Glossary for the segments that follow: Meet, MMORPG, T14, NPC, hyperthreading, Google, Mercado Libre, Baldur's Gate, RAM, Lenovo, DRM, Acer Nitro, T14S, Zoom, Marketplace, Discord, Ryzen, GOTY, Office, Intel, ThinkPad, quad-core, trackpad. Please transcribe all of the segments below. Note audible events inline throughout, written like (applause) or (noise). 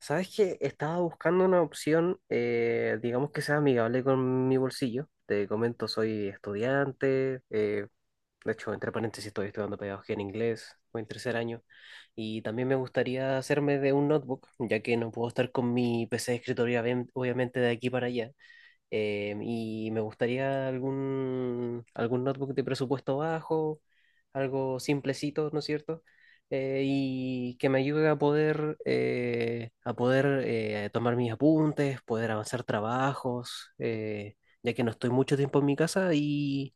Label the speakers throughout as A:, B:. A: ¿Sabes qué? Estaba buscando una opción, digamos que sea amigable con mi bolsillo. Te comento, soy estudiante, de hecho, entre paréntesis, estoy estudiando pedagogía en inglés, voy en tercer año, y también me gustaría hacerme de un notebook, ya que no puedo estar con mi PC de escritorio, obviamente, de aquí para allá. Y me gustaría algún notebook de presupuesto bajo, algo simplecito, ¿no es cierto? Y que me ayude a poder tomar mis apuntes, poder avanzar trabajos, ya que no estoy mucho tiempo en mi casa y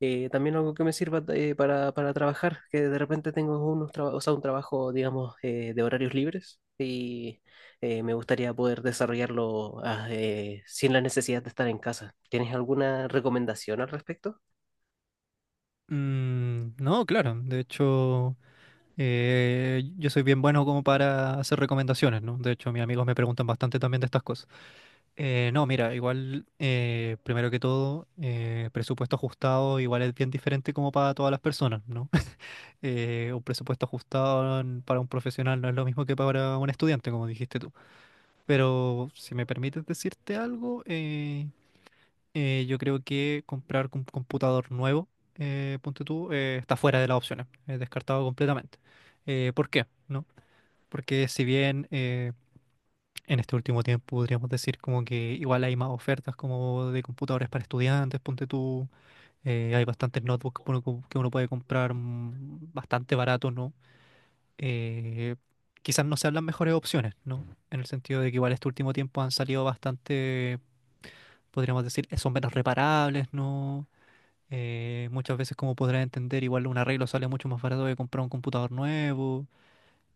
A: también algo que me sirva para trabajar, que de repente tengo o sea, un trabajo, digamos, de horarios libres y me gustaría poder desarrollarlo sin la necesidad de estar en casa. ¿Tienes alguna recomendación al respecto?
B: Mm, no, claro. De hecho, yo soy bien bueno como para hacer recomendaciones, ¿no? De hecho, mis amigos me preguntan bastante también de estas cosas. No, mira, igual, primero que todo, presupuesto ajustado igual es bien diferente como para todas las personas, ¿no? (laughs) Un presupuesto ajustado para un profesional no es lo mismo que para un estudiante, como dijiste tú. Pero si me permites decirte algo, yo creo que comprar un computador nuevo, ponte tú, está fuera de las opciones, es descartado completamente. ¿Por qué? ¿No? Porque si bien en este último tiempo podríamos decir como que igual hay más ofertas como de computadores para estudiantes, ponte tú, hay bastantes notebooks que que uno puede comprar bastante barato, ¿no? Eh, Quizás no sean las mejores opciones, ¿no? En el sentido de que igual este último tiempo han salido bastante, podríamos decir, son menos reparables, ¿no? Muchas veces, como podrás entender, igual un arreglo sale mucho más barato que comprar un computador nuevo.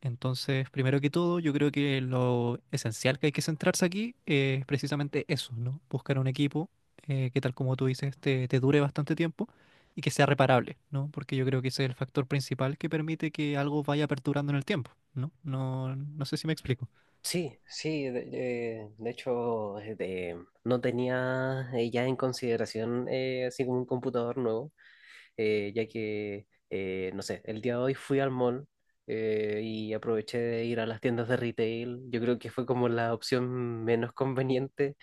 B: Entonces, primero que todo, yo creo que lo esencial que hay que centrarse aquí es precisamente eso, ¿no? Buscar un equipo que, tal como tú dices, te dure bastante tiempo y que sea reparable, ¿no? Porque yo creo que ese es el factor principal que permite que algo vaya perdurando en el tiempo, ¿no? No, no sé si me explico.
A: Sí, sí, de hecho, no tenía ya en consideración así como un computador nuevo, ya que, no sé, el día de hoy fui al mall y aproveché de ir a las tiendas de retail. Yo creo que fue como la opción menos conveniente,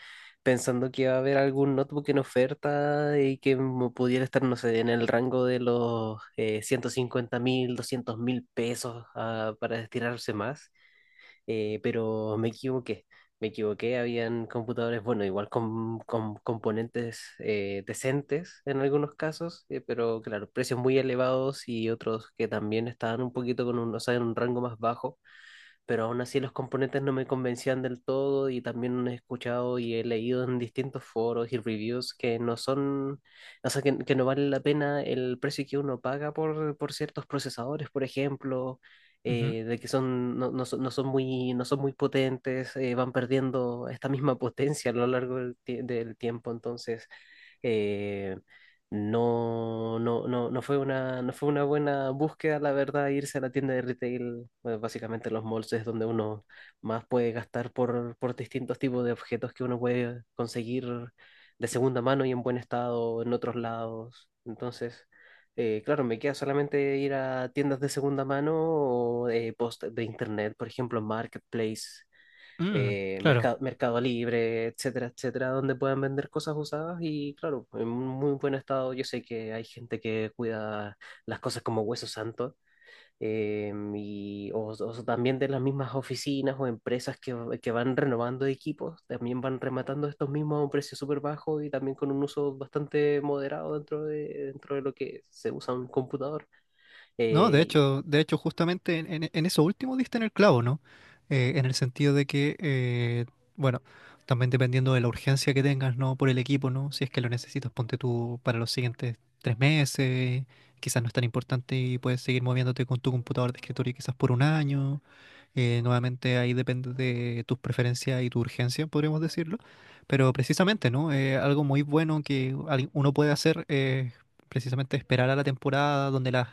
A: pensando que iba a haber algún notebook en oferta y que me pudiera estar, no sé, en el rango de los 150.000, 200.000 pesos para estirarse más, pero me equivoqué. Me equivoqué, habían computadores, bueno, igual con, componentes decentes en algunos casos, pero claro, precios muy elevados y otros que también estaban un poquito con un, o sea, en un rango más bajo, pero aún así los componentes no me convencían del todo y también he escuchado y he leído en distintos foros y reviews que no son, o sea, que no vale la pena el precio que uno paga por ciertos procesadores, por ejemplo,
B: Ujú.
A: de que son, no, no son, no son muy, no son muy potentes, van perdiendo esta misma (laughs) potencia a lo largo del tiempo, entonces. Eh, no, no, no, no fue una, no fue una buena búsqueda, la verdad, irse a la tienda de retail. Bueno, básicamente los malls es donde uno más puede gastar por, distintos tipos de objetos que uno puede conseguir de segunda mano y en buen estado en otros lados. Entonces, claro, me queda solamente ir a tiendas de segunda mano o post de internet, por ejemplo, Marketplace,
B: Mm, claro.
A: Mercado Libre, etcétera, etcétera, donde puedan vender cosas usadas y claro, en un muy buen estado. Yo sé que hay gente que cuida las cosas como hueso santo, o también de las mismas oficinas o empresas que van renovando equipos, también van rematando estos mismos a un precio súper bajo y también con un uso bastante moderado dentro de lo que se usa un computador.
B: No,
A: Eh,
B: de
A: y-
B: hecho, de hecho, justamente en eso último diste en el clavo, ¿no? En el sentido de que, bueno, también dependiendo de la urgencia que tengas, ¿no? Por el equipo, ¿no? Si es que lo necesitas, ponte tú para los siguientes 3 meses, quizás no es tan importante y puedes seguir moviéndote con tu computador de escritorio quizás por un año. Nuevamente ahí depende de tus preferencias y tu urgencia, podríamos decirlo. Pero precisamente, ¿no? Algo muy bueno que uno puede hacer es precisamente esperar a la temporada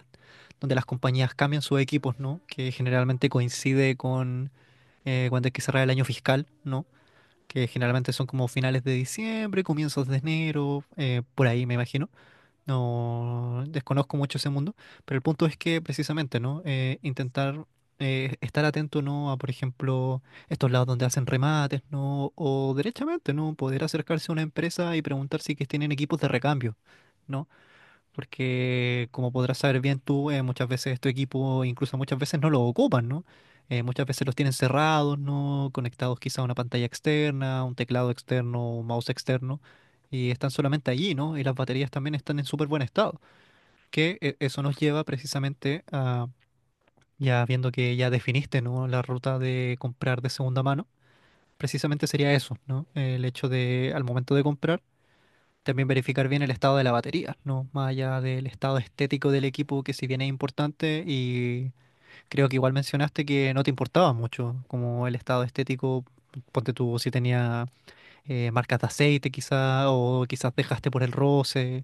B: donde las compañías cambian sus equipos, ¿no? Que generalmente coincide con cuando hay que cerrar el año fiscal, ¿no? Que generalmente son como finales de diciembre, comienzos de enero, por ahí me imagino. No desconozco mucho ese mundo, pero el punto es que precisamente, ¿no? Intentar estar atento, ¿no? A, por ejemplo, estos lados donde hacen remates, ¿no? O derechamente, ¿no? Poder acercarse a una empresa y preguntar si que tienen equipos de recambio, ¿no? Porque como podrás saber bien tú, muchas veces tu equipo, incluso muchas veces no lo ocupan, ¿no? Muchas veces los tienen cerrados, ¿no? Conectados quizá a una pantalla externa, un teclado externo, un mouse externo, y están solamente allí, ¿no? Y las baterías también están en súper buen estado, que eso nos lleva precisamente a, ya viendo que ya definiste, ¿no? La ruta de comprar de segunda mano, precisamente sería eso, ¿no? El hecho de, al momento de comprar, también verificar bien el estado de la batería, ¿no? Más allá del estado estético del equipo, que si bien es importante, y creo que igual mencionaste que no te importaba mucho como el estado estético, ponte tú si tenía marcas de aceite quizá, o quizás dejaste por el roce,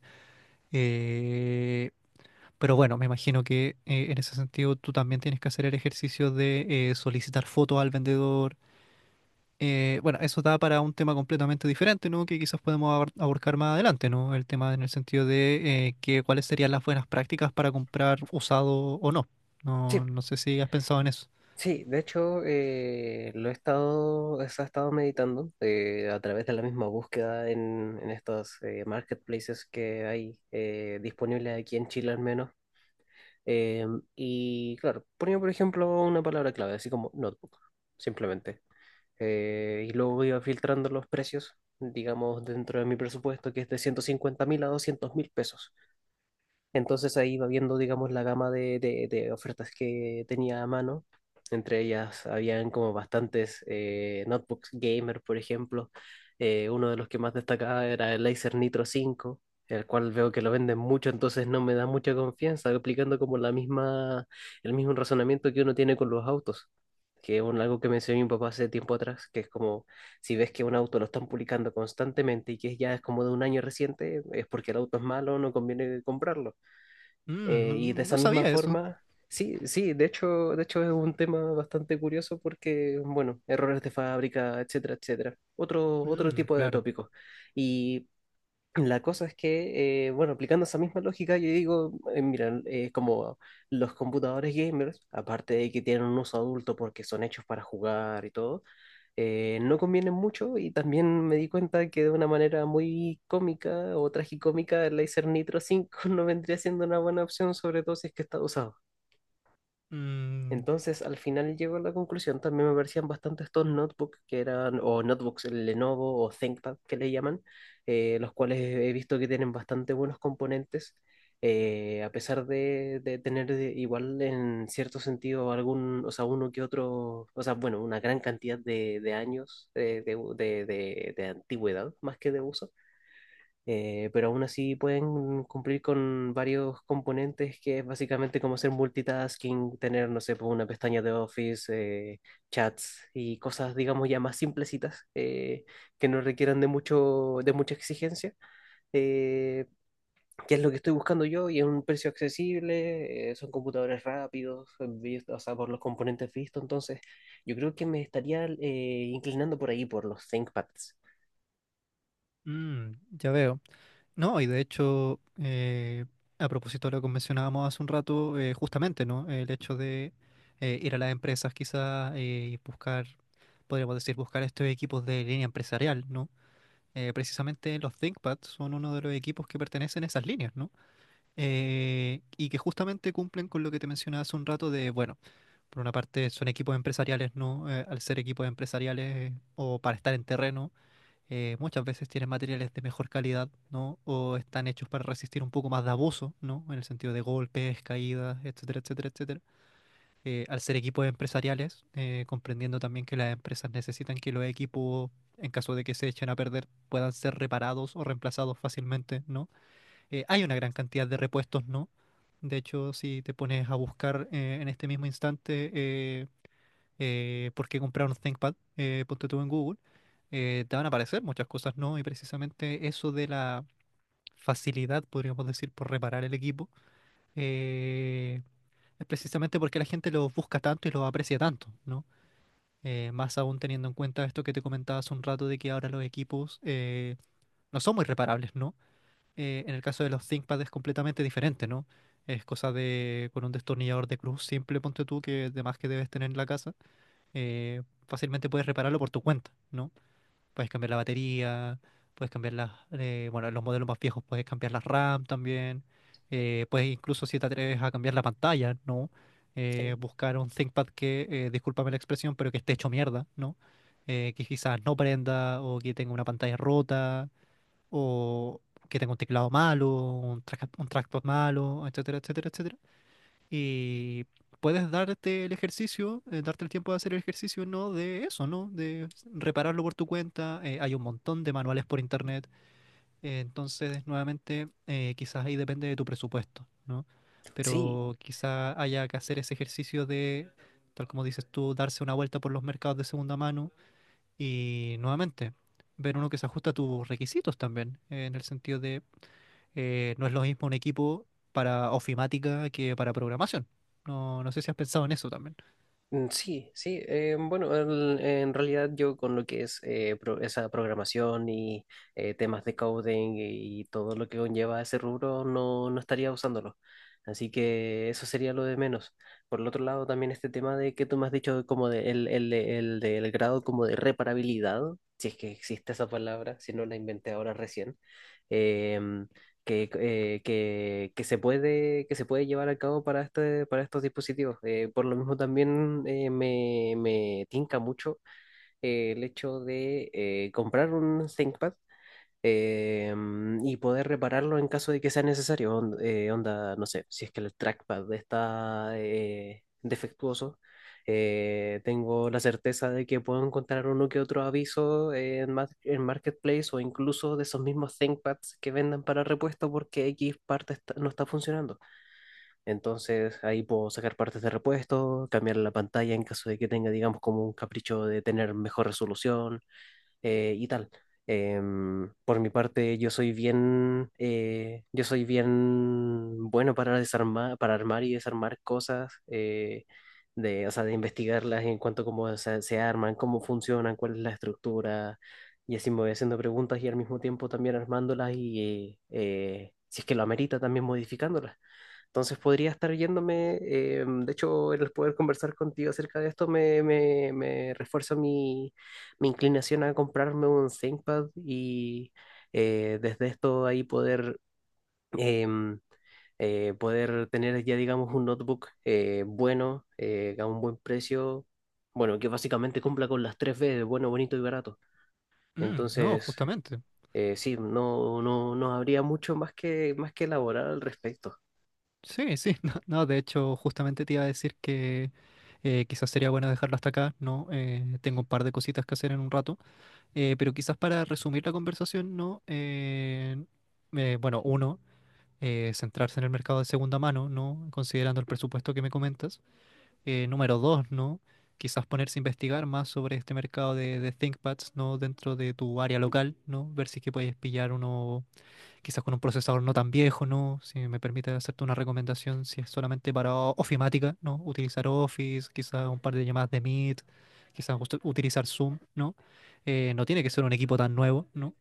B: eh, pero bueno, me imagino que en ese sentido tú también tienes que hacer el ejercicio de solicitar fotos al vendedor, bueno, eso da para un tema completamente diferente, ¿no? Que quizás podemos abordar más adelante, ¿no? El tema en el sentido de que cuáles serían las buenas prácticas para comprar usado o no.
A: Sí,
B: No, no sé si has pensado en eso.
A: Sí, de hecho, eso he estado meditando a través de la misma búsqueda en estos marketplaces que hay disponibles aquí en Chile al menos. Eh, y claro, ponía por ejemplo una palabra clave, así como notebook, simplemente. Y luego iba filtrando los precios, digamos, dentro de mi presupuesto, que es de 150.000 a 200.000 pesos. Entonces ahí va viendo, digamos, la gama de ofertas que tenía a mano. Entre ellas habían como bastantes notebooks gamer, por ejemplo. Uno de los que más destacaba era el Acer Nitro 5, el cual veo que lo venden mucho, entonces no me da mucha confianza, aplicando como el mismo razonamiento que uno tiene con los autos, que es algo que me enseñó mi papá hace tiempo atrás, que es como si ves que un auto lo están publicando constantemente y que ya es como de un año reciente, es porque el auto es malo, no conviene comprarlo.
B: Mm, no,
A: Y de esa
B: no
A: misma
B: sabía eso.
A: forma, sí, sí, de hecho es un tema bastante curioso porque, bueno, errores de fábrica, etcétera, etcétera. Otro
B: Mm,
A: tipo de
B: claro.
A: tópicos. Y la cosa es que, bueno, aplicando esa misma lógica, yo digo, mira, como los computadores gamers, aparte de que tienen un uso adulto porque son hechos para jugar y todo, no convienen mucho y también me di cuenta que de una manera muy cómica o tragicómica el Laser Nitro 5 (laughs) no vendría siendo una buena opción, sobre todo si es que está usado.
B: Mm,
A: Entonces, al final llego a la conclusión, también me parecían bastante estos notebooks que eran, o notebooks el Lenovo o ThinkPad que le llaman, los cuales he visto que tienen bastante buenos componentes, a pesar de, igual en cierto sentido algún, o sea, uno que otro, o sea, bueno, una gran cantidad de años de antigüedad más que de uso, pero aún así pueden cumplir con varios componentes que es básicamente como hacer multitasking, tener, no sé, pues, una pestaña de Office, eh, chats y cosas, digamos, ya más simplecitas, que no requieran de mucha exigencia, eh, que es lo que estoy buscando yo y es un precio accesible, son computadores rápidos, o sea, por los componentes vistos, entonces yo creo que me estaría inclinando por ahí, por los ThinkPads.
B: mm, ya veo. No, y de hecho, a propósito de lo que mencionábamos hace un rato, justamente, ¿no? El hecho de ir a las empresas quizás y buscar, podríamos decir, buscar estos equipos de línea empresarial, ¿no? Precisamente los ThinkPads son uno de los equipos que pertenecen a esas líneas, ¿no? Y que justamente cumplen con lo que te mencionaba hace un rato de, bueno, por una parte son equipos empresariales, ¿no? Al ser equipos empresariales o para estar en terreno, muchas veces tienen materiales de mejor calidad, ¿no? O están hechos para resistir un poco más de abuso, ¿no? En el sentido de golpes, caídas, etcétera, etcétera, etcétera. Al ser equipos empresariales, comprendiendo también que las empresas necesitan que los equipos, en caso de que se echen a perder, puedan ser reparados o reemplazados fácilmente, ¿no? Hay una gran cantidad de repuestos, ¿no? De hecho, si te pones a buscar en este mismo instante por qué comprar un ThinkPad, ponte tú en Google, te van a aparecer muchas cosas, ¿no? Y precisamente eso de la facilidad, podríamos decir, por reparar el equipo, eh, es precisamente porque la gente los busca tanto y los aprecia tanto, ¿no? Más aún teniendo en cuenta esto que te comentaba hace un rato de que ahora los equipos no son muy reparables, ¿no? En el caso de los ThinkPad es completamente diferente, ¿no? Es cosa de con un destornillador de cruz simple, ponte tú, que además que debes tener en la casa, eh, fácilmente puedes repararlo por tu cuenta, ¿no? Puedes cambiar la batería, puedes bueno, en los modelos más viejos puedes cambiar las RAM también. Puedes incluso si te atreves a cambiar la pantalla, ¿no? Buscar un ThinkPad que, discúlpame la expresión, pero que esté hecho mierda, ¿no? Que quizás no prenda o que tenga una pantalla rota o que tenga un teclado malo, un trackpad malo, etcétera, etcétera, etcétera. Y puedes darte el ejercicio, darte el tiempo de hacer el ejercicio, ¿no? De eso, ¿no? De repararlo por tu cuenta. Hay un montón de manuales por internet. Entonces, nuevamente, quizás ahí depende de tu presupuesto, ¿no?
A: Sí,
B: Pero quizás haya que hacer ese ejercicio de, tal como dices tú, darse una vuelta por los mercados de segunda mano y nuevamente ver uno que se ajusta a tus requisitos también, en el sentido de no es lo mismo un equipo para ofimática que para programación. No, no sé si has pensado en eso también.
A: mm, sí, sí. Bueno, en realidad yo con lo que es esa programación y temas de coding y todo lo que conlleva ese rubro, no estaría usándolo. Así que eso sería lo de menos. Por el otro lado, también este tema de que tú me has dicho como de el del grado como de reparabilidad, si es que existe esa palabra, si no la inventé ahora recién. em, que se puede llevar a cabo para estos dispositivos. Por lo mismo también me tinca mucho el hecho de comprar un ThinkPad y poder repararlo en caso de que sea necesario. Onda, no sé, si es que el trackpad está defectuoso, tengo la certeza de que puedo encontrar uno que otro aviso en Marketplace o incluso de esos mismos ThinkPads que vendan para repuesto porque X parte no está funcionando. Entonces ahí puedo sacar partes de repuesto, cambiar la pantalla en caso de que tenga, digamos, como un capricho de tener mejor resolución, y tal. Por mi parte, yo soy bien bueno para desarmar, para armar y desarmar cosas, de, o sea, de investigarlas en cuanto a cómo se arman, cómo funcionan, cuál es la estructura, y así me voy haciendo preguntas y al mismo tiempo también armándolas y, si es que lo amerita, también modificándolas. Entonces podría estar yéndome, de hecho el poder conversar contigo acerca de esto me refuerza mi inclinación a comprarme un ThinkPad y desde esto ahí poder, em, poder tener ya digamos un notebook, bueno, a un buen precio, bueno, que básicamente cumpla con las tres B de bueno, bonito y barato.
B: Mm, no,
A: Entonces,
B: justamente.
A: sí, no habría mucho más más que elaborar al respecto.
B: Sí, sí, (laughs) no, no, de hecho, justamente te iba a decir que quizás sería bueno dejarlo hasta acá, ¿no? Tengo un par de cositas que hacer en un rato. Pero quizás para resumir la conversación, ¿no? Bueno, uno, centrarse en el mercado de segunda mano, ¿no? Considerando el presupuesto que me comentas. Número dos, ¿no? Quizás ponerse a investigar más sobre este mercado de ThinkPads, ¿no? Dentro de tu área local, ¿no? Ver si es que puedes pillar uno, quizás con un procesador no tan viejo, ¿no? Si me permite hacerte una recomendación, si es solamente para ofimática, ¿no? Utilizar Office, quizás un par de llamadas de Meet, quizás utilizar Zoom, ¿no? No tiene que ser un equipo tan nuevo, ¿no?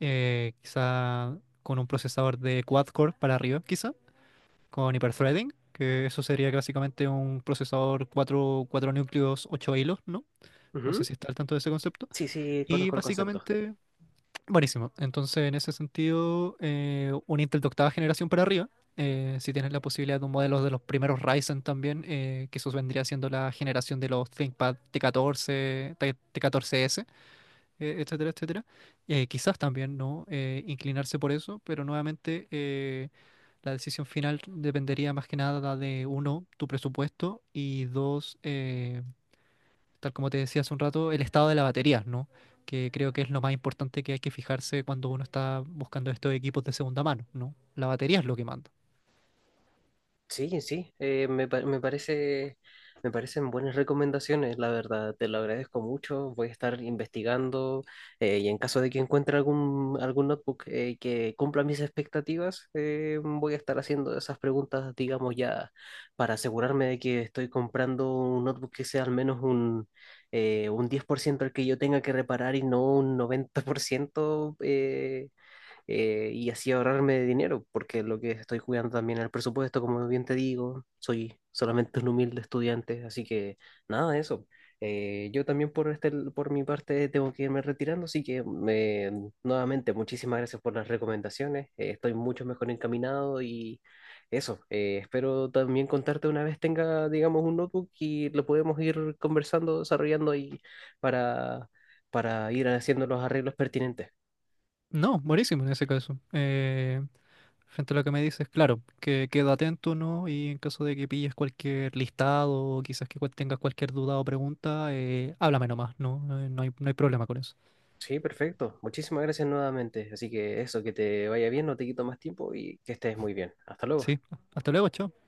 B: Quizá con un procesador de quad-core para arriba, quizá, con hyperthreading, que eso sería básicamente un procesador cuatro núcleos, 8 hilos, ¿no? No sé
A: Ujú.
B: si está al tanto de ese concepto.
A: Sí, sí,
B: Y
A: conozco el concepto.
B: básicamente. Buenísimo. Entonces, en ese sentido, un Intel de octava generación para arriba. Si tienes la posibilidad de un modelo de los primeros Ryzen también, que eso vendría siendo la generación de los ThinkPad T14, T14S, etcétera, etcétera. Quizás también no, inclinarse por eso, pero nuevamente la decisión final dependería más que nada de uno, tu presupuesto y dos, tal como te decía hace un rato, el estado de la batería, ¿no? Que creo que es lo más importante que hay que fijarse cuando uno está buscando estos equipos de segunda mano, ¿no? La batería es lo que manda.
A: Sí, sí, me parecen buenas recomendaciones, la verdad, te lo agradezco mucho, voy a estar investigando, y en caso de que encuentre algún notebook que cumpla mis expectativas, voy a estar haciendo esas preguntas, digamos ya, para asegurarme de que estoy comprando un notebook que sea al menos un 10% el que yo tenga que reparar y no un 90%, y así ahorrarme de dinero, porque lo que estoy jugando también al presupuesto, como bien te digo, soy solamente un humilde estudiante, así que nada de eso. Yo también por mi parte tengo que irme retirando, así que nuevamente muchísimas gracias por las recomendaciones, estoy mucho mejor encaminado y eso, espero también contarte una vez tenga, digamos, un notebook y lo podemos ir conversando, desarrollando y para, para ir haciendo los arreglos pertinentes.
B: No, buenísimo en ese caso. Frente a lo que me dices, claro, que queda atento, ¿no? Y en caso de que pilles cualquier listado o quizás que tengas cualquier duda o pregunta, háblame nomás, ¿no? No hay problema con eso.
A: Sí, perfecto. Muchísimas gracias nuevamente. Así que eso, que te vaya bien, no te quito más tiempo y que estés muy bien. Hasta luego.
B: Sí, hasta luego, chao.